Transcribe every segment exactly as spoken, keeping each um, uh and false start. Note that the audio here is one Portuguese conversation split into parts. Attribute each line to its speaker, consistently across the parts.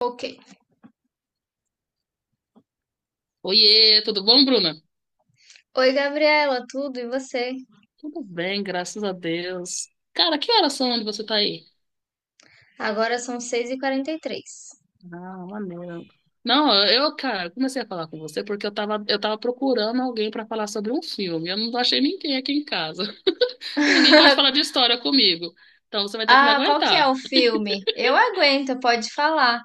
Speaker 1: Ok.
Speaker 2: Oiê, tudo bom, Bruna?
Speaker 1: Oi, Gabriela, tudo e você?
Speaker 2: Tudo bem, graças a Deus. Cara, que horas são onde você tá aí?
Speaker 1: Agora são seis e quarenta e três.
Speaker 2: Ah, maneiro. Não, eu, cara, comecei a falar com você porque eu tava, eu tava procurando alguém pra falar sobre um filme. Eu não achei ninguém aqui em casa. E ninguém gosta de falar de história comigo. Então você vai ter que me
Speaker 1: Ah, qual que é
Speaker 2: aguentar.
Speaker 1: o filme? Eu aguento, pode falar.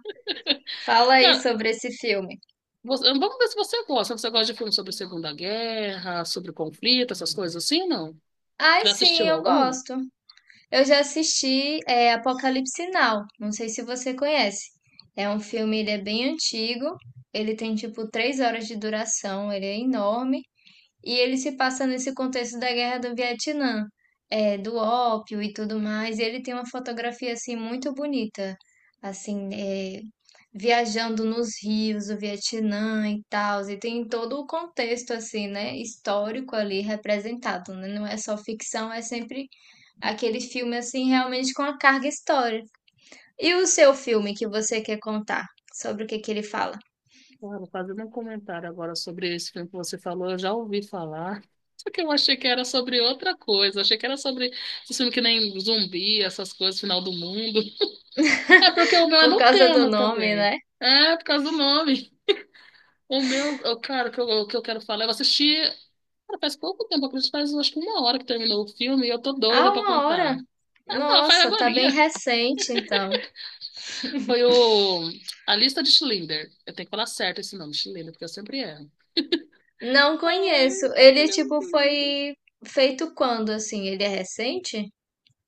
Speaker 1: Fala aí
Speaker 2: Cara,
Speaker 1: sobre esse filme.
Speaker 2: você- vamos ver se você gosta. Você gosta de filme sobre Segunda Guerra, sobre conflito, essas coisas assim, não?
Speaker 1: Ai,
Speaker 2: Já
Speaker 1: sim,
Speaker 2: assistiu
Speaker 1: eu
Speaker 2: algum?
Speaker 1: gosto. Eu já assisti é, Apocalipse Now, não sei se você conhece. É um filme, ele é bem antigo, ele tem tipo três horas de duração, ele é enorme. E ele se passa nesse contexto da Guerra do Vietnã, é do ópio e tudo mais. E ele tem uma fotografia assim muito bonita, assim, eh, viajando nos rios do Vietnã e tal. E tem todo o contexto assim, né, histórico ali representado, né? Não é só ficção, é sempre aquele filme assim realmente com a carga histórica. E o seu filme que você quer contar? Sobre o que que ele fala?
Speaker 2: Claro, fazendo um comentário agora sobre esse filme que você falou, eu já ouvi falar. Só que eu achei que era sobre outra coisa. Achei que era sobre esse filme que nem zumbi, essas coisas, final do mundo. É porque o meu é
Speaker 1: Por
Speaker 2: no
Speaker 1: causa do
Speaker 2: tema
Speaker 1: nome,
Speaker 2: também.
Speaker 1: né?
Speaker 2: É, por causa do nome. O meu, eu, cara, o que eu, o que eu quero falar, eu assisti. Cara, faz pouco tempo, eu acredito, faz acho que uma hora que terminou o filme e eu tô doida
Speaker 1: Ah,
Speaker 2: pra
Speaker 1: uma hora?
Speaker 2: contar. Ah, não, faz
Speaker 1: Nossa, tá bem
Speaker 2: agorinha.
Speaker 1: recente, então.
Speaker 2: Foi o A Lista de Schindler. Eu tenho que falar certo esse nome, Schindler, porque eu sempre erro.
Speaker 1: Não conheço.
Speaker 2: Ai,
Speaker 1: Ele,
Speaker 2: ele é
Speaker 1: tipo,
Speaker 2: muito lindo.
Speaker 1: foi feito quando, assim? Ele é recente?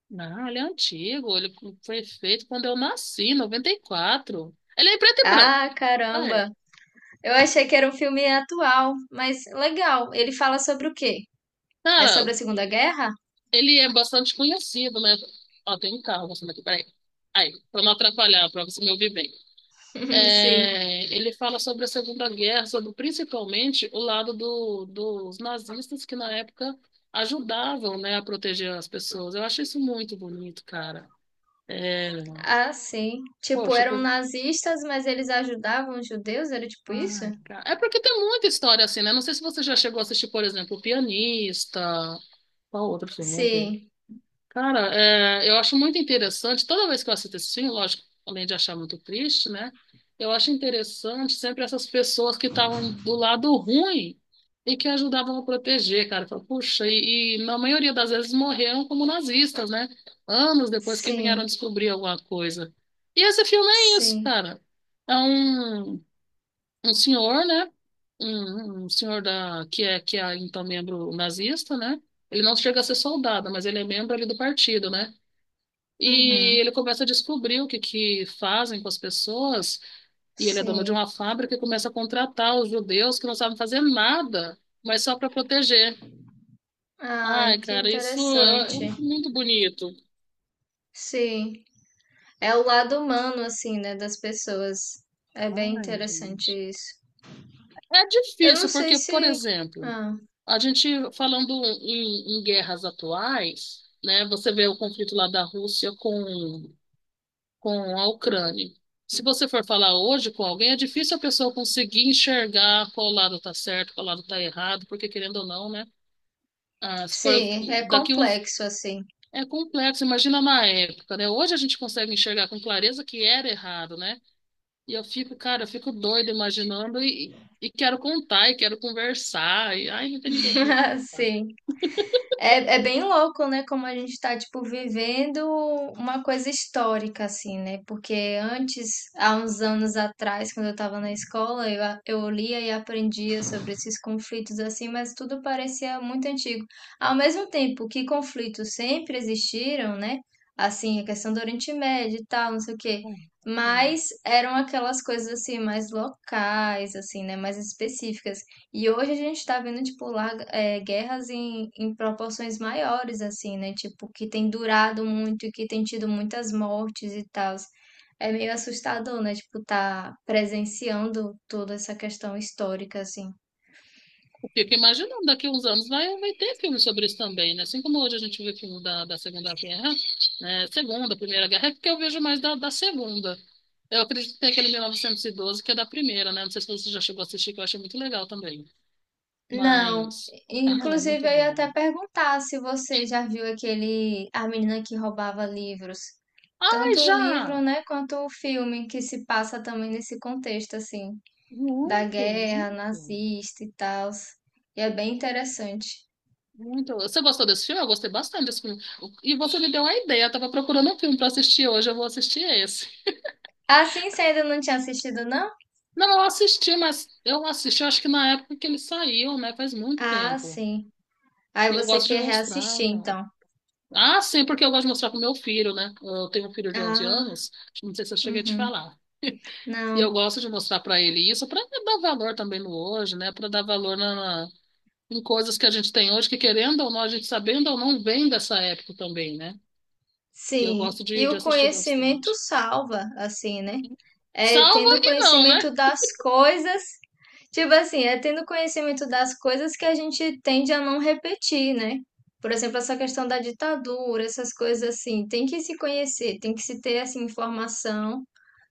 Speaker 2: Não, ele é antigo. Ele foi feito quando eu nasci, em noventa e quatro. Ele é em preto e branco,
Speaker 1: Ah,
Speaker 2: na
Speaker 1: caramba.
Speaker 2: época.
Speaker 1: Eu achei que era um filme atual, mas legal. Ele fala sobre o quê? É
Speaker 2: Cara,
Speaker 1: sobre a Segunda Guerra?
Speaker 2: ele é bastante conhecido, né? Ó, tem um carro passando aqui, peraí. Aí, pra não atrapalhar, pra você me ouvir bem.
Speaker 1: Sim.
Speaker 2: É, ele fala sobre a Segunda Guerra, sobre principalmente o lado do, dos nazistas que na época ajudavam, né, a proteger as pessoas. Eu acho isso muito bonito, cara. É,
Speaker 1: Ah, sim. Tipo,
Speaker 2: poxa.
Speaker 1: eram
Speaker 2: Por
Speaker 1: nazistas, mas eles ajudavam os judeus? Era tipo isso?
Speaker 2: Ai, cara. É porque tem muita história assim, né? Não sei se você já chegou a assistir, por exemplo, O Pianista. Qual outro filme? Vamos ver.
Speaker 1: Sim,
Speaker 2: Cara, é, eu acho muito interessante. Toda vez que eu assisto esse filme, lógico, além de achar muito triste, né? Eu acho interessante sempre essas pessoas que estavam do lado ruim e que ajudavam a proteger, cara. Eu falo, Puxa, e, e na maioria das vezes morreram como nazistas, né? Anos depois que vieram
Speaker 1: sim,
Speaker 2: descobrir alguma coisa. E esse filme é isso,
Speaker 1: sim.
Speaker 2: cara. É um um senhor, né? Um, um senhor da, que é, que é então membro nazista, né? Ele não chega a ser soldado, mas ele é membro ali do partido, né? E
Speaker 1: Uhum,
Speaker 2: ele começa a descobrir o que, que fazem com as pessoas, e ele é dono de
Speaker 1: sim.
Speaker 2: uma fábrica e começa a contratar os judeus que não sabem fazer nada, mas só para proteger. Ai,
Speaker 1: Ai, que
Speaker 2: cara, isso é, é
Speaker 1: interessante.
Speaker 2: muito bonito.
Speaker 1: Sim. É o lado humano, assim, né, das pessoas. É bem
Speaker 2: Ai,
Speaker 1: interessante
Speaker 2: gente.
Speaker 1: isso.
Speaker 2: É
Speaker 1: Eu não
Speaker 2: difícil,
Speaker 1: sei
Speaker 2: porque, por
Speaker 1: se.
Speaker 2: exemplo,
Speaker 1: Ah,
Speaker 2: a gente falando em, em guerras atuais, né? Você vê o conflito lá da Rússia com, com a Ucrânia. Se você for falar hoje com alguém, é difícil a pessoa conseguir enxergar qual lado está certo, qual lado está errado, porque querendo ou não, né? ah, se for
Speaker 1: sim, é
Speaker 2: daqui uns
Speaker 1: complexo, assim.
Speaker 2: É complexo, imagina na época, né? Hoje a gente consegue enxergar com clareza que era errado, né? E eu fico, cara, eu fico doida imaginando e, e quero contar, e quero conversar, e ai, não tem ninguém aqui pra
Speaker 1: Sim. É, é bem louco, né? Como a gente tá, tipo, vivendo uma coisa histórica, assim, né? Porque antes, há uns anos atrás, quando eu tava na escola, eu, a- eu lia e aprendia sobre esses conflitos, assim, mas tudo parecia muito antigo. Ao mesmo tempo que conflitos sempre existiram, né? Assim, a questão do Oriente Médio e tal, não sei o quê.
Speaker 2: contar.
Speaker 1: Mas eram aquelas coisas, assim, mais locais, assim, né? Mais específicas. E hoje a gente tá vendo, tipo, larga- é, guerras em, em proporções maiores, assim, né? Tipo, que tem durado muito e que tem tido muitas mortes e tal. É meio assustador, né? Tipo, tá presenciando toda essa questão histórica, assim.
Speaker 2: Fico imaginando, daqui a uns anos vai, vai ter filme sobre isso também, né? Assim como hoje a gente vê filme da, da Segunda Guerra, né? Segunda, Primeira Guerra, é porque eu vejo mais da, da Segunda. Eu acredito que tem aquele mil novecentos e doze que é da Primeira, né? Não sei se você já chegou a assistir, que eu achei muito legal também.
Speaker 1: Não,
Speaker 2: Mas, ai, é
Speaker 1: inclusive
Speaker 2: muito
Speaker 1: eu ia
Speaker 2: bom.
Speaker 1: até perguntar se você já viu aquele, a menina que roubava livros.
Speaker 2: Ai,
Speaker 1: Tanto o livro,
Speaker 2: já!
Speaker 1: né, quanto o filme que se passa também nesse contexto, assim. Da
Speaker 2: Muito,
Speaker 1: guerra
Speaker 2: muito,
Speaker 1: nazista e tal. E é bem interessante.
Speaker 2: muito. Você gostou desse filme? Eu gostei bastante desse filme. E você me deu uma ideia, eu tava procurando um filme para assistir hoje, eu vou assistir esse.
Speaker 1: Ah, sim, você ainda não tinha assistido, não?
Speaker 2: Não, eu assisti, mas eu assisti, acho que na época que ele saiu, né? Faz muito
Speaker 1: Ah,
Speaker 2: tempo.
Speaker 1: sim. Aí
Speaker 2: E eu
Speaker 1: você
Speaker 2: gosto de
Speaker 1: quer
Speaker 2: mostrar,
Speaker 1: reassistir,
Speaker 2: tá?
Speaker 1: então.
Speaker 2: Ah, sim, porque eu gosto de mostrar pro meu filho, né? Eu tenho um filho de onze
Speaker 1: Ah,
Speaker 2: anos, não sei se eu cheguei a te
Speaker 1: uhum.
Speaker 2: falar. E eu
Speaker 1: Não.
Speaker 2: gosto de mostrar para ele isso, para dar valor também no hoje, né? Para dar valor na, na- em coisas que a gente tem hoje, que querendo ou não, a gente sabendo ou não, vem dessa época também, né? E eu gosto
Speaker 1: Sim.
Speaker 2: de,
Speaker 1: E
Speaker 2: de
Speaker 1: o
Speaker 2: assistir
Speaker 1: conhecimento
Speaker 2: bastante.
Speaker 1: salva, assim, né? É
Speaker 2: Salva
Speaker 1: tendo
Speaker 2: e não,
Speaker 1: conhecimento
Speaker 2: né?
Speaker 1: das coisas. Tipo assim, é tendo conhecimento das coisas que a gente tende a não repetir, né? Por exemplo, essa questão da ditadura, essas coisas assim, tem que se conhecer, tem que se ter essa informação.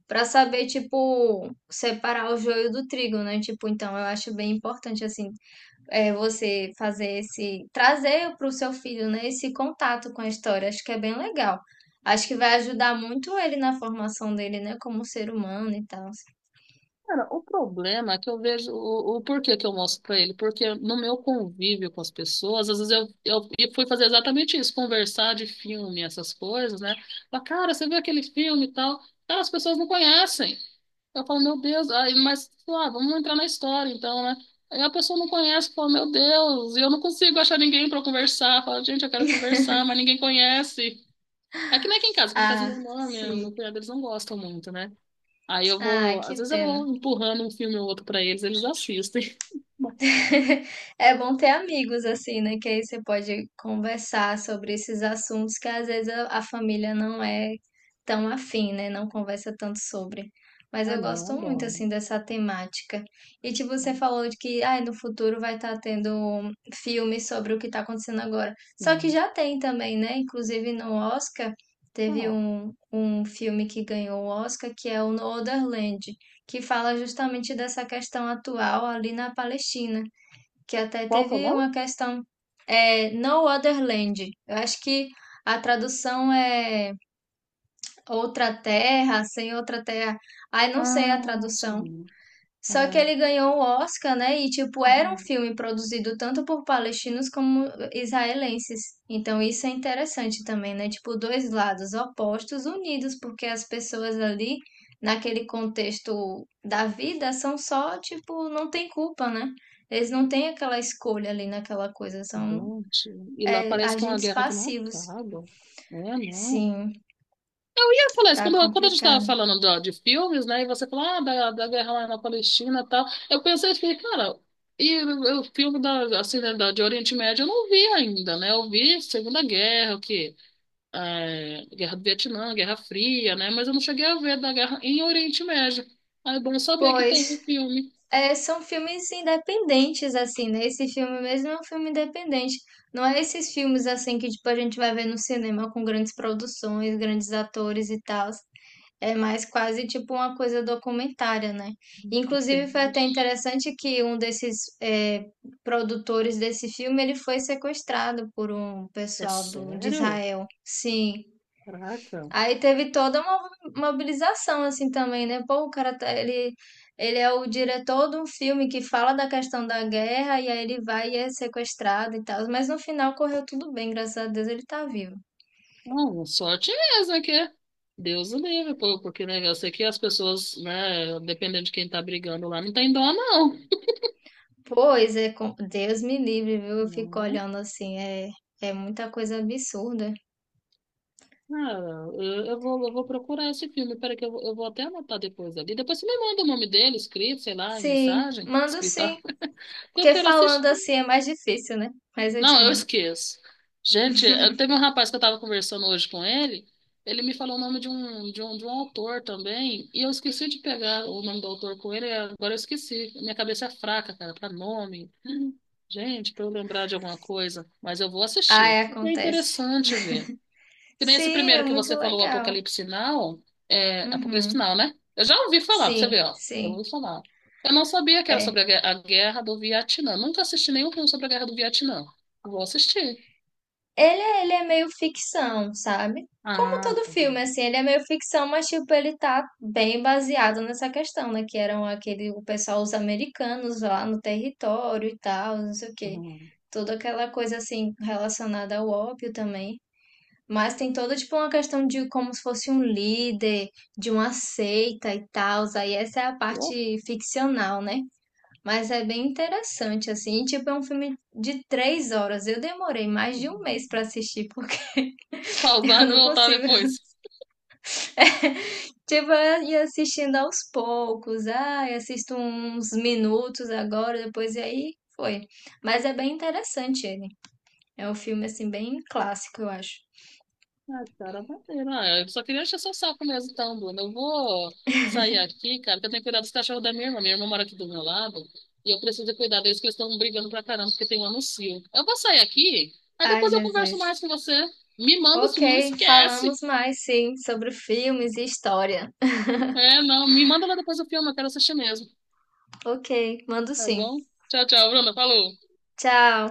Speaker 1: Pra saber, tipo, separar o joio do trigo, né? Tipo, então eu acho bem importante, assim, é, você fazer esse, trazer pro seu filho, né, esse contato com a história. Acho que é bem legal. Acho que vai ajudar muito ele na formação dele, né, como ser humano e tal.
Speaker 2: Cara, o problema é que eu vejo o, o porquê que eu mostro pra ele, porque no meu convívio com as pessoas, às vezes eu, eu, eu fui fazer exatamente isso, conversar de filme, essas coisas, né? Falar, cara, você viu aquele filme e tal? Cara, as pessoas não conhecem. Eu falo, meu Deus, aí, mas lá, vamos entrar na história então, né? Aí a pessoa não conhece, fala, meu Deus, e eu não consigo achar ninguém pra conversar. Fala, gente, eu quero conversar, mas ninguém conhece. É que nem aqui em casa, aqui em casa minha
Speaker 1: Ah,
Speaker 2: irmã, minha, meu
Speaker 1: sim.
Speaker 2: cunhado, eles não gostam muito, né? Aí eu
Speaker 1: Ai,
Speaker 2: vou,
Speaker 1: que
Speaker 2: às vezes eu vou
Speaker 1: pena.
Speaker 2: empurrando um filme ou outro pra eles, eles assistem.
Speaker 1: É bom ter amigos assim, né? Que aí você pode conversar sobre esses assuntos que às vezes a a família não é tão afim, né? Não conversa tanto sobre. Mas
Speaker 2: Ah,
Speaker 1: eu
Speaker 2: não, eu
Speaker 1: gosto muito
Speaker 2: adoro.
Speaker 1: assim dessa temática. E tipo, você
Speaker 2: Ah,
Speaker 1: falou de que ai, no futuro vai estar tendo um filme sobre o que está acontecendo agora. Só que
Speaker 2: sim.
Speaker 1: já tem também, né? Inclusive no Oscar teve
Speaker 2: Qual?
Speaker 1: um, um filme que ganhou o Oscar, que é o No Other Land, que fala justamente dessa questão atual ali na Palestina, que até
Speaker 2: Qual que é o
Speaker 1: teve
Speaker 2: nome?
Speaker 1: uma questão. É, No Other Land. Eu acho que a tradução é Outra Terra, Sem Outra Terra. Ai, não sei a
Speaker 2: Ah,
Speaker 1: tradução.
Speaker 2: sim.
Speaker 1: Só que
Speaker 2: Ah,
Speaker 1: ele ganhou o Oscar, né? E, tipo, era um
Speaker 2: ah.
Speaker 1: filme produzido tanto por palestinos como israelenses. Então, isso é interessante também, né? Tipo, dois lados opostos unidos, porque as pessoas ali, naquele contexto da vida, são só, tipo, não tem culpa, né? Eles não têm aquela escolha ali naquela coisa, são,
Speaker 2: Gente, e lá
Speaker 1: é,
Speaker 2: parece que é uma
Speaker 1: agentes
Speaker 2: guerra que não
Speaker 1: passivos.
Speaker 2: acaba. É, não.
Speaker 1: Sim,
Speaker 2: Eu falei isso,
Speaker 1: tá
Speaker 2: quando, quando a gente estava
Speaker 1: complicado.
Speaker 2: falando do- de filmes, né, e você falou, ah, da, da guerra lá na Palestina e tal, eu pensei, eu fiquei, cara, e o o filme da, assim, né, da, de Oriente Médio eu não vi ainda, né, eu vi Segunda Guerra, o quê? É, Guerra do Vietnã, Guerra Fria, né? Mas eu não cheguei a ver da guerra em Oriente Médio. Ah, é bom saber que tem um
Speaker 1: Pois.
Speaker 2: filme.
Speaker 1: É, são filmes independentes, assim, né? Esse filme mesmo é um filme independente. Não é esses filmes, assim, que, tipo, a gente vai ver no cinema com grandes produções, grandes atores e tal. É mais quase, tipo, uma coisa documentária, né? Inclusive, foi
Speaker 2: Entendi.
Speaker 1: até interessante que um desses é, produtores desse filme, ele foi sequestrado por um
Speaker 2: É
Speaker 1: pessoal do, de
Speaker 2: sério?
Speaker 1: Israel. Sim.
Speaker 2: Caraca.
Speaker 1: Aí teve toda uma mobilização assim também, né? Pô, o cara tá, ele ele é o diretor de um filme que fala da questão da guerra e aí ele vai e é sequestrado e tal, mas no final correu tudo bem, graças a Deus ele tá vivo.
Speaker 2: Não, sorte mesmo que é. Deus o livre, pô, porque né, eu sei que as pessoas, né, dependendo de quem tá brigando lá, não tem dó, não.
Speaker 1: Pois é, com- Deus me livre, viu? Eu fico
Speaker 2: Né?
Speaker 1: olhando assim, é é muita coisa absurda.
Speaker 2: Cara, eu, eu vou, eu vou procurar esse filme. Peraí, que eu, vou- eu vou até anotar depois ali. Depois você me manda o nome dele, escrito, sei lá, em
Speaker 1: Sim,
Speaker 2: mensagem,
Speaker 1: mando
Speaker 2: escrita.
Speaker 1: sim,
Speaker 2: Eu
Speaker 1: porque
Speaker 2: quero
Speaker 1: falando
Speaker 2: assistir.
Speaker 1: assim é mais difícil, né? Mas eu te
Speaker 2: Não, eu
Speaker 1: mando.
Speaker 2: esqueço. Gente, eu- teve um rapaz que eu estava conversando hoje com ele, ele me falou o nome de um, de um, de um autor também, e eu esqueci de pegar o nome do autor com ele, e agora eu esqueci. Minha cabeça é fraca, cara, para nome. Gente, para eu lembrar de alguma coisa, mas eu vou
Speaker 1: Ah,
Speaker 2: assistir.
Speaker 1: é,
Speaker 2: É
Speaker 1: acontece.
Speaker 2: interessante ver. Que nem esse
Speaker 1: Sim, é
Speaker 2: primeiro que
Speaker 1: muito
Speaker 2: você falou, o
Speaker 1: legal.
Speaker 2: Apocalipse Now, é, Apocalipse
Speaker 1: Uhum.
Speaker 2: Now, né? Eu já ouvi falar, pra você
Speaker 1: Sim,
Speaker 2: ver, ó. Eu
Speaker 1: sim.
Speaker 2: ouvi falar. Eu não sabia que era
Speaker 1: É,
Speaker 2: sobre a, gue- a guerra do Vietnã. Nunca assisti nenhum filme sobre a guerra do Vietnã. Vou assistir.
Speaker 1: ele, é- ele é meio ficção, sabe? Como
Speaker 2: Ah,
Speaker 1: todo
Speaker 2: tá tudo
Speaker 1: filme,
Speaker 2: bem.
Speaker 1: assim, ele é meio ficção, mas, tipo, ele tá bem baseado nessa questão, né? Que eram aquele, o pessoal, os americanos lá no território e tal, não sei o quê.
Speaker 2: Uhum.
Speaker 1: Toda aquela coisa, assim, relacionada ao ópio também. Mas tem toda, tipo, uma questão de como se fosse um líder, de uma seita e tal. Aí essa é a parte ficcional, né? Mas é bem interessante, assim. Tipo, é um filme de três horas. Eu demorei mais de um mês pra assistir.
Speaker 2: Pausar
Speaker 1: Eu
Speaker 2: e
Speaker 1: não
Speaker 2: voltar
Speaker 1: consigo.
Speaker 2: depois.
Speaker 1: Tipo, eu ia assistindo aos poucos. Ah, eu assisto uns minutos agora, depois e aí foi. Mas é bem interessante ele. É um filme, assim, bem clássico, eu acho.
Speaker 2: Ah, cara, maneiro. Ah, eu só queria encher seu saco mesmo, então, Bruna. Eu vou sair aqui, cara, que eu tenho que cuidar dos cachorros da minha irmã. Minha irmã mora aqui do meu lado e eu preciso de cuidar deles, que eles estão brigando pra caramba, porque tem um anuncio. Eu vou sair aqui, aí
Speaker 1: Ai,
Speaker 2: depois eu converso
Speaker 1: Jesus.
Speaker 2: mais com você. Me manda o
Speaker 1: Ok,
Speaker 2: filme, não esquece.
Speaker 1: falamos mais, sim, sobre filmes e história.
Speaker 2: É, não, me manda lá depois o filme, eu quero assistir mesmo.
Speaker 1: Ok, mando
Speaker 2: Tá
Speaker 1: sim.
Speaker 2: bom? Tchau, tchau, Bruna. Falou.
Speaker 1: Tchau.